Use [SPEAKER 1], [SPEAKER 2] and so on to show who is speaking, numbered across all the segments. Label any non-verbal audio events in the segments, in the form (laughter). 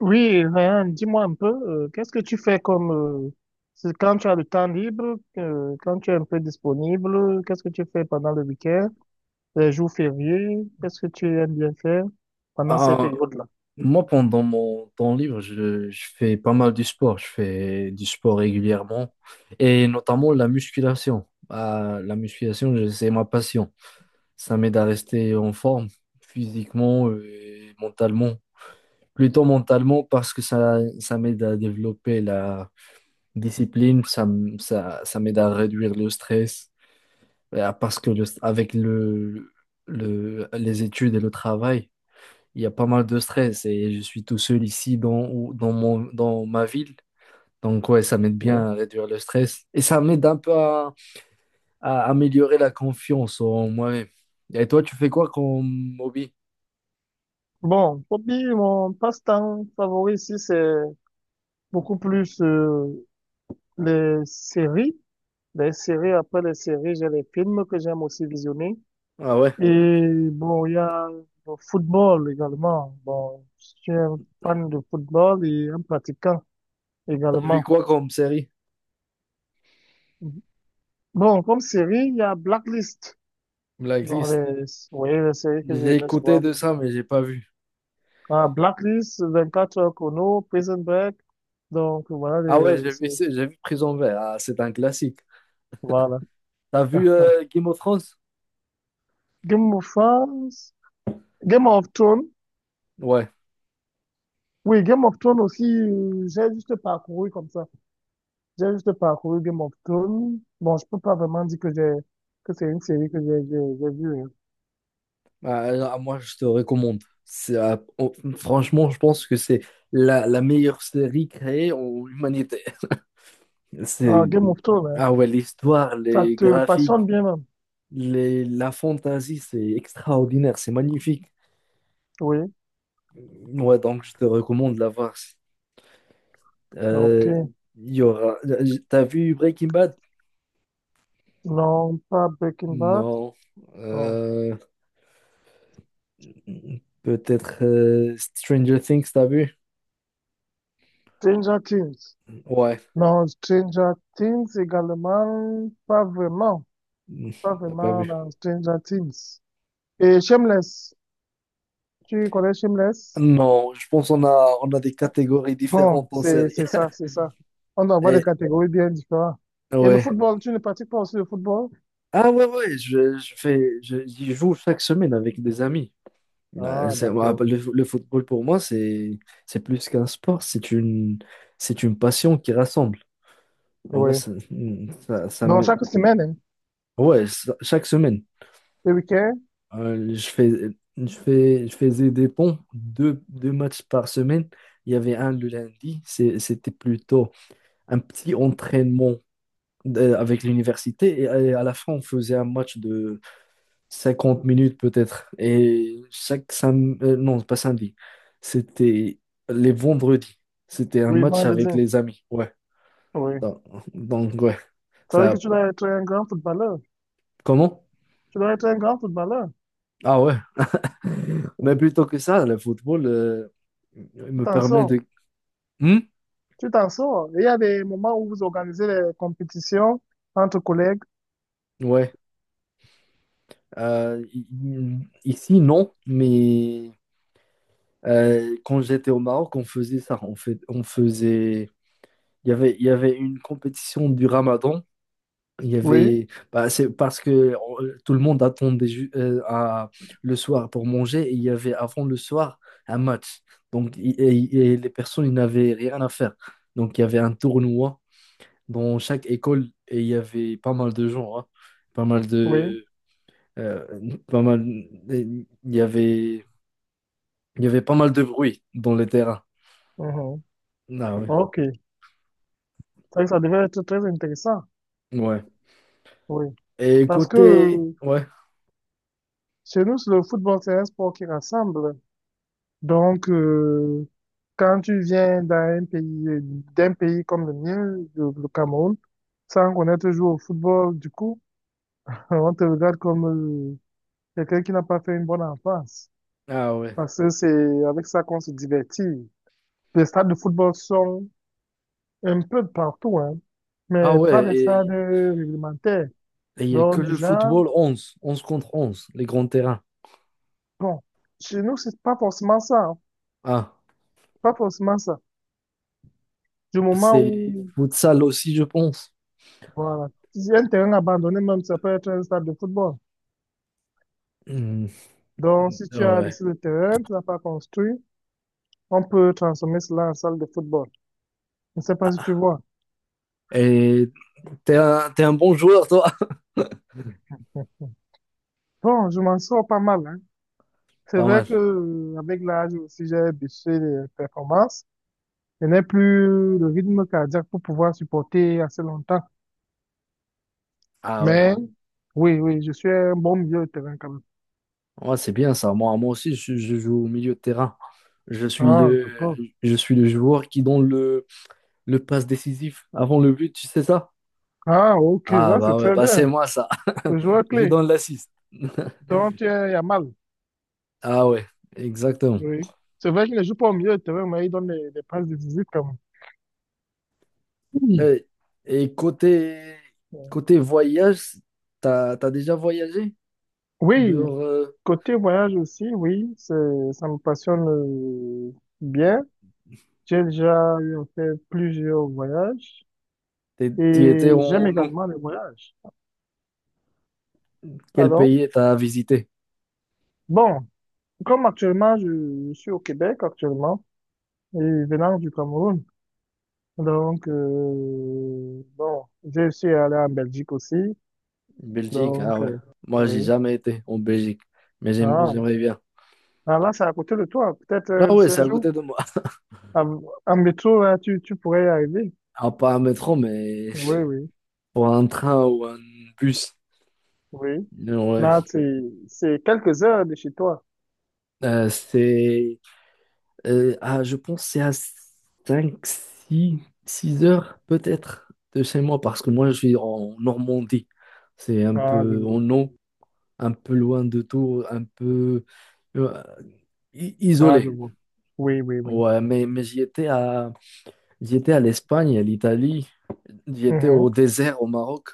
[SPEAKER 1] Oui, Ryan, dis-moi un peu, qu'est-ce que tu fais comme, c'est quand tu as le temps libre, quand tu es un peu disponible, qu'est-ce que tu fais pendant le week-end, les jours fériés, qu'est-ce que tu aimes bien faire pendant ces
[SPEAKER 2] Ah,
[SPEAKER 1] périodes-là?
[SPEAKER 2] moi, pendant mon temps libre, je fais pas mal du sport. Je fais du sport régulièrement et notamment la musculation. Ah, la musculation, c'est ma passion. Ça m'aide à rester en forme physiquement et mentalement. Plutôt mentalement parce que ça m'aide à développer la discipline. Ça m'aide à réduire le stress. Parce que avec les études et le travail, il y a pas mal de stress et je suis tout seul ici dans ma ville. Donc ouais, ça m'aide bien
[SPEAKER 1] Oui.
[SPEAKER 2] à réduire le stress et ça m'aide un peu à améliorer la confiance en moi-même. Et toi, tu fais quoi comme hobby?
[SPEAKER 1] Bon, hobby, mon passe-temps favori ici, c'est beaucoup plus, les séries. Les séries, après les séries, j'ai les films que j'aime aussi visionner.
[SPEAKER 2] Ah ouais,
[SPEAKER 1] Et bon, il y a le football également. Bon, je suis un fan de football et un pratiquant
[SPEAKER 2] t'as vu
[SPEAKER 1] également.
[SPEAKER 2] quoi comme série?
[SPEAKER 1] Bon, comme série, il y a Blacklist. Dans
[SPEAKER 2] Blacklist.
[SPEAKER 1] les, vous voyez les séries que
[SPEAKER 2] J'ai
[SPEAKER 1] j'aimais
[SPEAKER 2] écouté
[SPEAKER 1] souvent.
[SPEAKER 2] de ça, mais j'ai pas vu.
[SPEAKER 1] Ah, Blacklist, 24 heures chrono, Prison Break. Donc, voilà
[SPEAKER 2] Ah ouais,
[SPEAKER 1] les
[SPEAKER 2] j'ai vu,
[SPEAKER 1] séries.
[SPEAKER 2] j'ai vu Prison Break. Ah, c'est un classique.
[SPEAKER 1] Voilà.
[SPEAKER 2] T'as vu Game of Thrones?
[SPEAKER 1] Game of Thrones. Game of Thrones.
[SPEAKER 2] Ouais.
[SPEAKER 1] Oui, Game of Thrones aussi, j'ai juste parcouru comme ça. J'ai juste parcouru Game of Thrones. Bon, je peux pas vraiment dire que j'ai que c'est une série que j'ai vue, hein.
[SPEAKER 2] Ah, là, moi, je te recommande. Franchement, je pense que c'est la meilleure série créée en humanité.
[SPEAKER 1] Ah,
[SPEAKER 2] C'est,
[SPEAKER 1] Game of Thrones, hein.
[SPEAKER 2] ah ouais, l'histoire,
[SPEAKER 1] Ça
[SPEAKER 2] les
[SPEAKER 1] te
[SPEAKER 2] graphiques,
[SPEAKER 1] passionne bien même.
[SPEAKER 2] la fantaisie, c'est extraordinaire, c'est magnifique.
[SPEAKER 1] Oui.
[SPEAKER 2] Ouais, donc je te recommande de la voir.
[SPEAKER 1] Ok.
[SPEAKER 2] Euh, T'as vu Breaking Bad?
[SPEAKER 1] Non, pas Breaking Bad.
[SPEAKER 2] Non.
[SPEAKER 1] Non.
[SPEAKER 2] Euh, Peut-être Stranger Things, t'as vu?
[SPEAKER 1] Stranger Things.
[SPEAKER 2] Ouais.
[SPEAKER 1] Non, Stranger Things également, pas vraiment.
[SPEAKER 2] Hmm,
[SPEAKER 1] Pas
[SPEAKER 2] T'as pas
[SPEAKER 1] vraiment
[SPEAKER 2] vu.
[SPEAKER 1] dans Stranger Things. Et Shameless. Tu connais Shameless?
[SPEAKER 2] Non, je pense qu'on a des catégories
[SPEAKER 1] Bon,
[SPEAKER 2] différentes en
[SPEAKER 1] c'est
[SPEAKER 2] série.
[SPEAKER 1] c'est ça,
[SPEAKER 2] (laughs)
[SPEAKER 1] c'est ça. On doit avoir des
[SPEAKER 2] Et,
[SPEAKER 1] catégories bien différentes. Et le
[SPEAKER 2] ouais.
[SPEAKER 1] football, tu ne pratiques pas aussi le football?
[SPEAKER 2] Ah ouais, ouais, j'y joue chaque semaine avec des amis.
[SPEAKER 1] Ah,
[SPEAKER 2] Ouais,
[SPEAKER 1] d'accord.
[SPEAKER 2] le football pour moi, c'est plus qu'un sport, c'est une passion qui rassemble. En vrai,
[SPEAKER 1] Oui.
[SPEAKER 2] ça
[SPEAKER 1] Donc,
[SPEAKER 2] m'aide.
[SPEAKER 1] chaque semaine, hein,
[SPEAKER 2] Ouais, chaque semaine.
[SPEAKER 1] le week-end,
[SPEAKER 2] Euh, je fais, je faisais des ponts, deux matchs par semaine. Il y avait un le lundi. C'était plutôt un petit entraînement avec l'université. Et à la fin, on faisait un match de 50 minutes peut-être. Et chaque samedi, non, pas samedi, c'était les vendredis. C'était un
[SPEAKER 1] oui,
[SPEAKER 2] match
[SPEAKER 1] vendredi.
[SPEAKER 2] avec les amis. Ouais.
[SPEAKER 1] Oui.
[SPEAKER 2] Donc, donc, ouais.
[SPEAKER 1] Ça veut
[SPEAKER 2] Ça,
[SPEAKER 1] dire que tu dois être un grand footballeur.
[SPEAKER 2] Comment?
[SPEAKER 1] Tu dois être un grand footballeur.
[SPEAKER 2] Ah ouais. (laughs) Mais plutôt que ça, le football
[SPEAKER 1] Tu
[SPEAKER 2] me
[SPEAKER 1] t'en
[SPEAKER 2] permet
[SPEAKER 1] sors.
[SPEAKER 2] de Hmm.
[SPEAKER 1] Tu t'en sors. Et il y a des moments où vous organisez des compétitions entre collègues.
[SPEAKER 2] Ouais. Ici, non, mais quand j'étais au Maroc, on faisait ça. On faisait. Il y avait une compétition du Ramadan. Il y
[SPEAKER 1] Oui,
[SPEAKER 2] avait. Bah, c'est parce que tout le monde attendait le soir pour manger et il y avait avant le soir un match. Donc, les personnes, ils n'avaient rien à faire. Donc, il y avait un tournoi dans chaque école et il y avait pas mal de gens, hein. Pas mal
[SPEAKER 1] oui.
[SPEAKER 2] Pas mal. Il y avait pas mal de bruit dans les terrains.
[SPEAKER 1] Mhm.
[SPEAKER 2] Ah ouais.
[SPEAKER 1] OK. Ça devait être très intéressant.
[SPEAKER 2] Ouais.
[SPEAKER 1] Oui.
[SPEAKER 2] Et
[SPEAKER 1] Parce que
[SPEAKER 2] côté. Ouais.
[SPEAKER 1] chez nous, le football, c'est un sport qui rassemble. Donc, quand tu viens d'un pays comme le mien, le Cameroun, sans connaître jouer au football, du coup, (laughs) on te regarde comme euh, quelqu'un qui n'a pas fait une bonne enfance.
[SPEAKER 2] Ah ouais.
[SPEAKER 1] Parce que c'est avec ça qu'on se divertit. Les stades de football sont un peu de partout, hein,
[SPEAKER 2] Ah
[SPEAKER 1] mais
[SPEAKER 2] ouais.
[SPEAKER 1] pas des stades
[SPEAKER 2] Et
[SPEAKER 1] réglementaires.
[SPEAKER 2] et il n'y a que
[SPEAKER 1] Donc, du
[SPEAKER 2] le
[SPEAKER 1] genre,
[SPEAKER 2] football onze contre 11 les grands terrains.
[SPEAKER 1] bon, chez nous, c'est pas forcément ça, hein.
[SPEAKER 2] Ah.
[SPEAKER 1] Pas forcément ça. Du moment
[SPEAKER 2] C'est
[SPEAKER 1] où
[SPEAKER 2] futsal aussi, je pense.
[SPEAKER 1] voilà. Si un terrain abandonné, même, si ça peut être un stade de football.
[SPEAKER 2] Hmm.
[SPEAKER 1] Donc, si
[SPEAKER 2] Ah,
[SPEAKER 1] tu as
[SPEAKER 2] ouais.
[SPEAKER 1] laissé le terrain, tu l'as pas construit, on peut transformer cela en salle de football. Je ne sais pas si tu vois.
[SPEAKER 2] Et t'es un bon joueur, toi.
[SPEAKER 1] Bon, je m'en sors pas mal, hein.
[SPEAKER 2] (laughs)
[SPEAKER 1] C'est
[SPEAKER 2] Pas
[SPEAKER 1] vrai
[SPEAKER 2] mal.
[SPEAKER 1] que, avec l'âge aussi, j'ai baissé les performances. Je n'ai plus le rythme cardiaque pour pouvoir supporter assez longtemps.
[SPEAKER 2] Ah ouais.
[SPEAKER 1] Mais, oui, oui, je suis un bon milieu de terrain quand même.
[SPEAKER 2] Ouais, c'est bien ça. Moi aussi, je joue au milieu de terrain. Je suis
[SPEAKER 1] Ah,
[SPEAKER 2] le,
[SPEAKER 1] d'accord.
[SPEAKER 2] je suis le joueur qui donne le passe décisif avant le but, tu sais ça?
[SPEAKER 1] Ah, ok,
[SPEAKER 2] Ah
[SPEAKER 1] ça
[SPEAKER 2] bah
[SPEAKER 1] c'est
[SPEAKER 2] ouais,
[SPEAKER 1] très
[SPEAKER 2] bah c'est
[SPEAKER 1] bien.
[SPEAKER 2] moi ça.
[SPEAKER 1] Le joueur
[SPEAKER 2] (laughs) Je
[SPEAKER 1] clé.
[SPEAKER 2] donne l'assist. (laughs)
[SPEAKER 1] Donc, tu es Yamal.
[SPEAKER 2] Ah ouais, exactement.
[SPEAKER 1] Oui. C'est vrai qu'il ne joue pas au milieu de terrain, mais il donne des passes décisives comme. Oui.
[SPEAKER 2] Euh, Et, côté voyage, t'as déjà voyagé
[SPEAKER 1] Oui,
[SPEAKER 2] dehors
[SPEAKER 1] côté voyage aussi, oui, c'est- ça me passionne bien. J'ai déjà eu en fait plusieurs voyages
[SPEAKER 2] t'y étais
[SPEAKER 1] et j'aime
[SPEAKER 2] en nous.
[SPEAKER 1] également les voyages.
[SPEAKER 2] Quel
[SPEAKER 1] Pardon?
[SPEAKER 2] pays t'as visité?
[SPEAKER 1] Bon, comme actuellement, je suis au Québec actuellement et venant du Cameroun. Donc, bon, j'ai suis allé en Belgique aussi.
[SPEAKER 2] Belgique, ah
[SPEAKER 1] Donc,
[SPEAKER 2] ouais. Moi, j'ai
[SPEAKER 1] oui.
[SPEAKER 2] jamais été en Belgique, mais
[SPEAKER 1] Ah,
[SPEAKER 2] j'aimerais bien.
[SPEAKER 1] ah, là, c'est à côté de toi. Peut-être un
[SPEAKER 2] Ah
[SPEAKER 1] de
[SPEAKER 2] ouais, c'est
[SPEAKER 1] ces
[SPEAKER 2] à
[SPEAKER 1] jours,
[SPEAKER 2] côté de moi. (laughs)
[SPEAKER 1] en, en métro, là, tu pourrais y arriver.
[SPEAKER 2] Ah, pas un métro, mais
[SPEAKER 1] Oui, oui,
[SPEAKER 2] pour un train ou un bus.
[SPEAKER 1] oui.
[SPEAKER 2] Ouais.
[SPEAKER 1] Là, c'est quelques heures de chez toi.
[SPEAKER 2] Euh, c'est. Je pense que c'est à 5 six heures peut-être de chez moi parce que moi je suis en Normandie. C'est un
[SPEAKER 1] Ah, je
[SPEAKER 2] peu
[SPEAKER 1] vois.
[SPEAKER 2] en haut un peu loin de tout, un peu euh,
[SPEAKER 1] Ah, je
[SPEAKER 2] isolé.
[SPEAKER 1] vois. Oui, oui, oui.
[SPEAKER 2] Ouais, mais j'y étais à l'Espagne, à l'Italie, j'y étais au
[SPEAKER 1] Mhm.
[SPEAKER 2] désert au Maroc.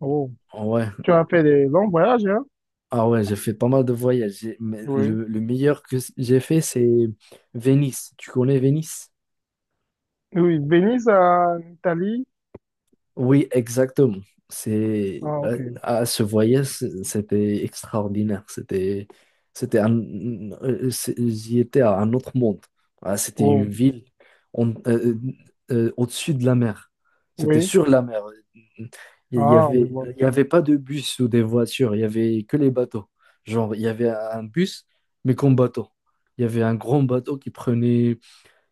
[SPEAKER 1] Oh.
[SPEAKER 2] Ouais.
[SPEAKER 1] Tu as fait des longs voyages, hein?
[SPEAKER 2] Ah ouais, j'ai fait pas mal de voyages. Mais
[SPEAKER 1] Oui.
[SPEAKER 2] le meilleur que j'ai fait, c'est Venise. Tu connais Venise?
[SPEAKER 1] Oui, Venise en Italie.
[SPEAKER 2] Oui, exactement.
[SPEAKER 1] Ah, ok.
[SPEAKER 2] À ce voyage, c'était extraordinaire. C'était un, J'y étais à un autre monde. Ah, c'était une
[SPEAKER 1] Oh,
[SPEAKER 2] ville on- euh, au-dessus de la mer. C'était
[SPEAKER 1] oui.
[SPEAKER 2] sur la mer. Il y
[SPEAKER 1] Ah, je
[SPEAKER 2] avait,
[SPEAKER 1] vois.
[SPEAKER 2] il y avait pas de bus ou des voitures. Il y avait que les bateaux. Genre, il y avait un bus, mais comme bateau. Il y avait un grand bateau qui prenait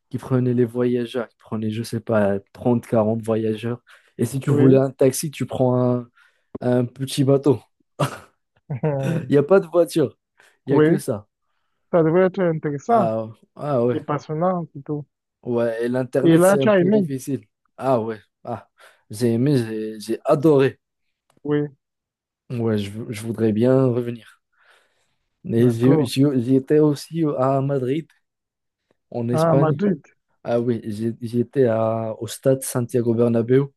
[SPEAKER 2] qui prenait les voyageurs, qui prenait, je sais pas, 30 40 voyageurs. Et si tu voulais
[SPEAKER 1] Oui.
[SPEAKER 2] un taxi, tu prends un petit bateau. Il n'y a
[SPEAKER 1] (laughs)
[SPEAKER 2] pas de voiture, il n'y a que
[SPEAKER 1] Oui.
[SPEAKER 2] ça.
[SPEAKER 1] Ça devrait être intéressant
[SPEAKER 2] Ah, ah ouais,
[SPEAKER 1] et passionnant, plutôt.
[SPEAKER 2] ouais, et
[SPEAKER 1] Et
[SPEAKER 2] l'Internet,
[SPEAKER 1] là,
[SPEAKER 2] c'est un
[SPEAKER 1] tu as
[SPEAKER 2] peu
[SPEAKER 1] aimé?
[SPEAKER 2] difficile. Ah ouais, ah, j'ai aimé, j'ai adoré.
[SPEAKER 1] Oui.
[SPEAKER 2] Ouais, je voudrais bien revenir. Mais
[SPEAKER 1] D'accord.
[SPEAKER 2] j'étais aussi à Madrid, en
[SPEAKER 1] Ah,
[SPEAKER 2] Espagne.
[SPEAKER 1] Madrid.
[SPEAKER 2] Ah oui, j'étais au stade Santiago Bernabéu.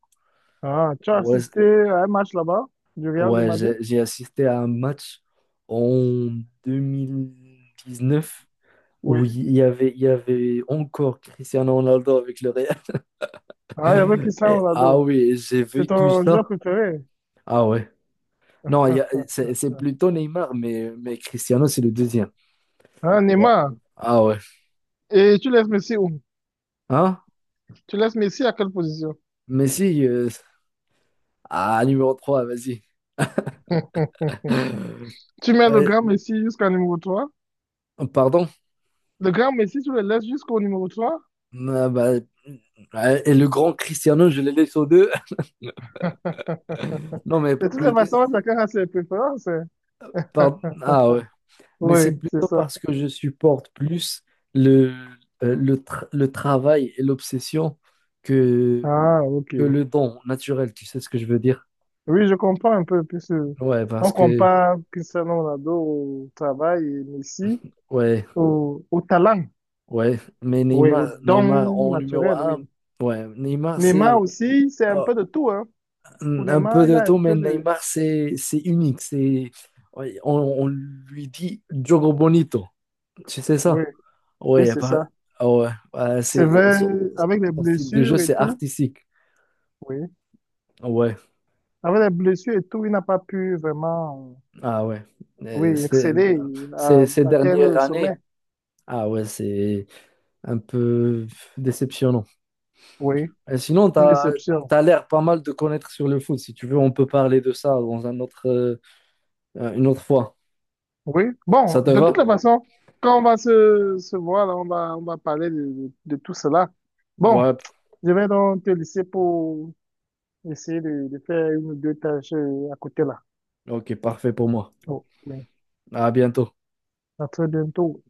[SPEAKER 1] Ah, tu as
[SPEAKER 2] Ouais,
[SPEAKER 1] assisté à un match là-bas du Real de
[SPEAKER 2] Ouais, j'ai
[SPEAKER 1] Madrid?
[SPEAKER 2] j'ai assisté à un match en 2019 où
[SPEAKER 1] Oui.
[SPEAKER 2] il y avait encore Cristiano Ronaldo avec le Real.
[SPEAKER 1] Ah, il y avait
[SPEAKER 2] (laughs) Et,
[SPEAKER 1] Cristiano
[SPEAKER 2] ah
[SPEAKER 1] Ronaldo.
[SPEAKER 2] oui, j'ai
[SPEAKER 1] C'est
[SPEAKER 2] vécu
[SPEAKER 1] ton joueur
[SPEAKER 2] ça.
[SPEAKER 1] préféré.
[SPEAKER 2] Ah ouais. Non, il y a- c'est plutôt Neymar, mais Cristiano, c'est le deuxième.
[SPEAKER 1] Ah,
[SPEAKER 2] Ouais.
[SPEAKER 1] Neymar.
[SPEAKER 2] Ah ouais.
[SPEAKER 1] Et tu laisses Messi où?
[SPEAKER 2] Hein?
[SPEAKER 1] Tu laisses Messi à quelle position?
[SPEAKER 2] Messi, numéro 3, vas-y. (laughs)
[SPEAKER 1] Tu mets le
[SPEAKER 2] Euh,
[SPEAKER 1] grand Messi jusqu'à numéro 3.
[SPEAKER 2] Pardon?
[SPEAKER 1] Le grand Messi, tu le laisses jusqu'au numéro 3?
[SPEAKER 2] Ah bah, et le grand Cristiano, je le laisse aux deux. (laughs) Non, mais
[SPEAKER 1] De toutes les
[SPEAKER 2] plus.
[SPEAKER 1] façons, chacun a ses préférences, hein.
[SPEAKER 2] Pardon. Ah ouais. Mais c'est
[SPEAKER 1] Oui, c'est
[SPEAKER 2] plutôt
[SPEAKER 1] ça.
[SPEAKER 2] parce que je supporte plus le, le travail et l'obsession que,
[SPEAKER 1] Ah, ok.
[SPEAKER 2] que le don naturel, tu sais ce que je veux dire?
[SPEAKER 1] Oui, je comprends un peu, puisque
[SPEAKER 2] Ouais, parce
[SPEAKER 1] on
[SPEAKER 2] que,
[SPEAKER 1] compare Cristiano Ronaldo au travail et Messi
[SPEAKER 2] ouais,
[SPEAKER 1] au, au talent,
[SPEAKER 2] ouais. Mais
[SPEAKER 1] oui,
[SPEAKER 2] Neymar,
[SPEAKER 1] au don
[SPEAKER 2] Neymar en numéro
[SPEAKER 1] naturel,
[SPEAKER 2] un,
[SPEAKER 1] oui.
[SPEAKER 2] ouais, Neymar,
[SPEAKER 1] Neymar
[SPEAKER 2] c'est
[SPEAKER 1] aussi, c'est un
[SPEAKER 2] euh,
[SPEAKER 1] peu de tout, hein. Pour
[SPEAKER 2] un peu
[SPEAKER 1] Neymar, il
[SPEAKER 2] de
[SPEAKER 1] a un
[SPEAKER 2] tout, mais
[SPEAKER 1] peu de...
[SPEAKER 2] Neymar, c'est unique. C'est, ouais, on lui dit Diogo Bonito, tu sais
[SPEAKER 1] Oui,
[SPEAKER 2] ça? Ouais,
[SPEAKER 1] oui,
[SPEAKER 2] y a
[SPEAKER 1] c'est
[SPEAKER 2] pas-
[SPEAKER 1] ça.
[SPEAKER 2] ah ouais, ouais,
[SPEAKER 1] C'est
[SPEAKER 2] c'est,
[SPEAKER 1] vrai,
[SPEAKER 2] son
[SPEAKER 1] avec les
[SPEAKER 2] son style de jeu,
[SPEAKER 1] blessures et
[SPEAKER 2] c'est
[SPEAKER 1] tout,
[SPEAKER 2] artistique.
[SPEAKER 1] oui.
[SPEAKER 2] Ouais,
[SPEAKER 1] Avec les blessures et tout, il n'a pas pu vraiment,
[SPEAKER 2] ah ouais.
[SPEAKER 1] oui,
[SPEAKER 2] Euh, c'est-
[SPEAKER 1] exceller, à,
[SPEAKER 2] Ces
[SPEAKER 1] atteindre
[SPEAKER 2] dernières
[SPEAKER 1] le
[SPEAKER 2] années,
[SPEAKER 1] sommet.
[SPEAKER 2] ah ouais, c'est un peu déceptionnant.
[SPEAKER 1] Oui,
[SPEAKER 2] Et sinon, tu
[SPEAKER 1] une déception.
[SPEAKER 2] as l'air pas mal de connaître sur le foot. Si tu veux, on peut parler de ça dans une autre fois.
[SPEAKER 1] Oui. Bon,
[SPEAKER 2] Ça te
[SPEAKER 1] de toute
[SPEAKER 2] va?
[SPEAKER 1] la façon, quand on va se, se voir, là, on va parler de tout cela. Bon,
[SPEAKER 2] Ouais,
[SPEAKER 1] je vais donc te laisser pour essayer de faire une ou deux tâches à côté là.
[SPEAKER 2] ok, parfait pour moi.
[SPEAKER 1] Oh, oui.
[SPEAKER 2] À bientôt.
[SPEAKER 1] À très bientôt.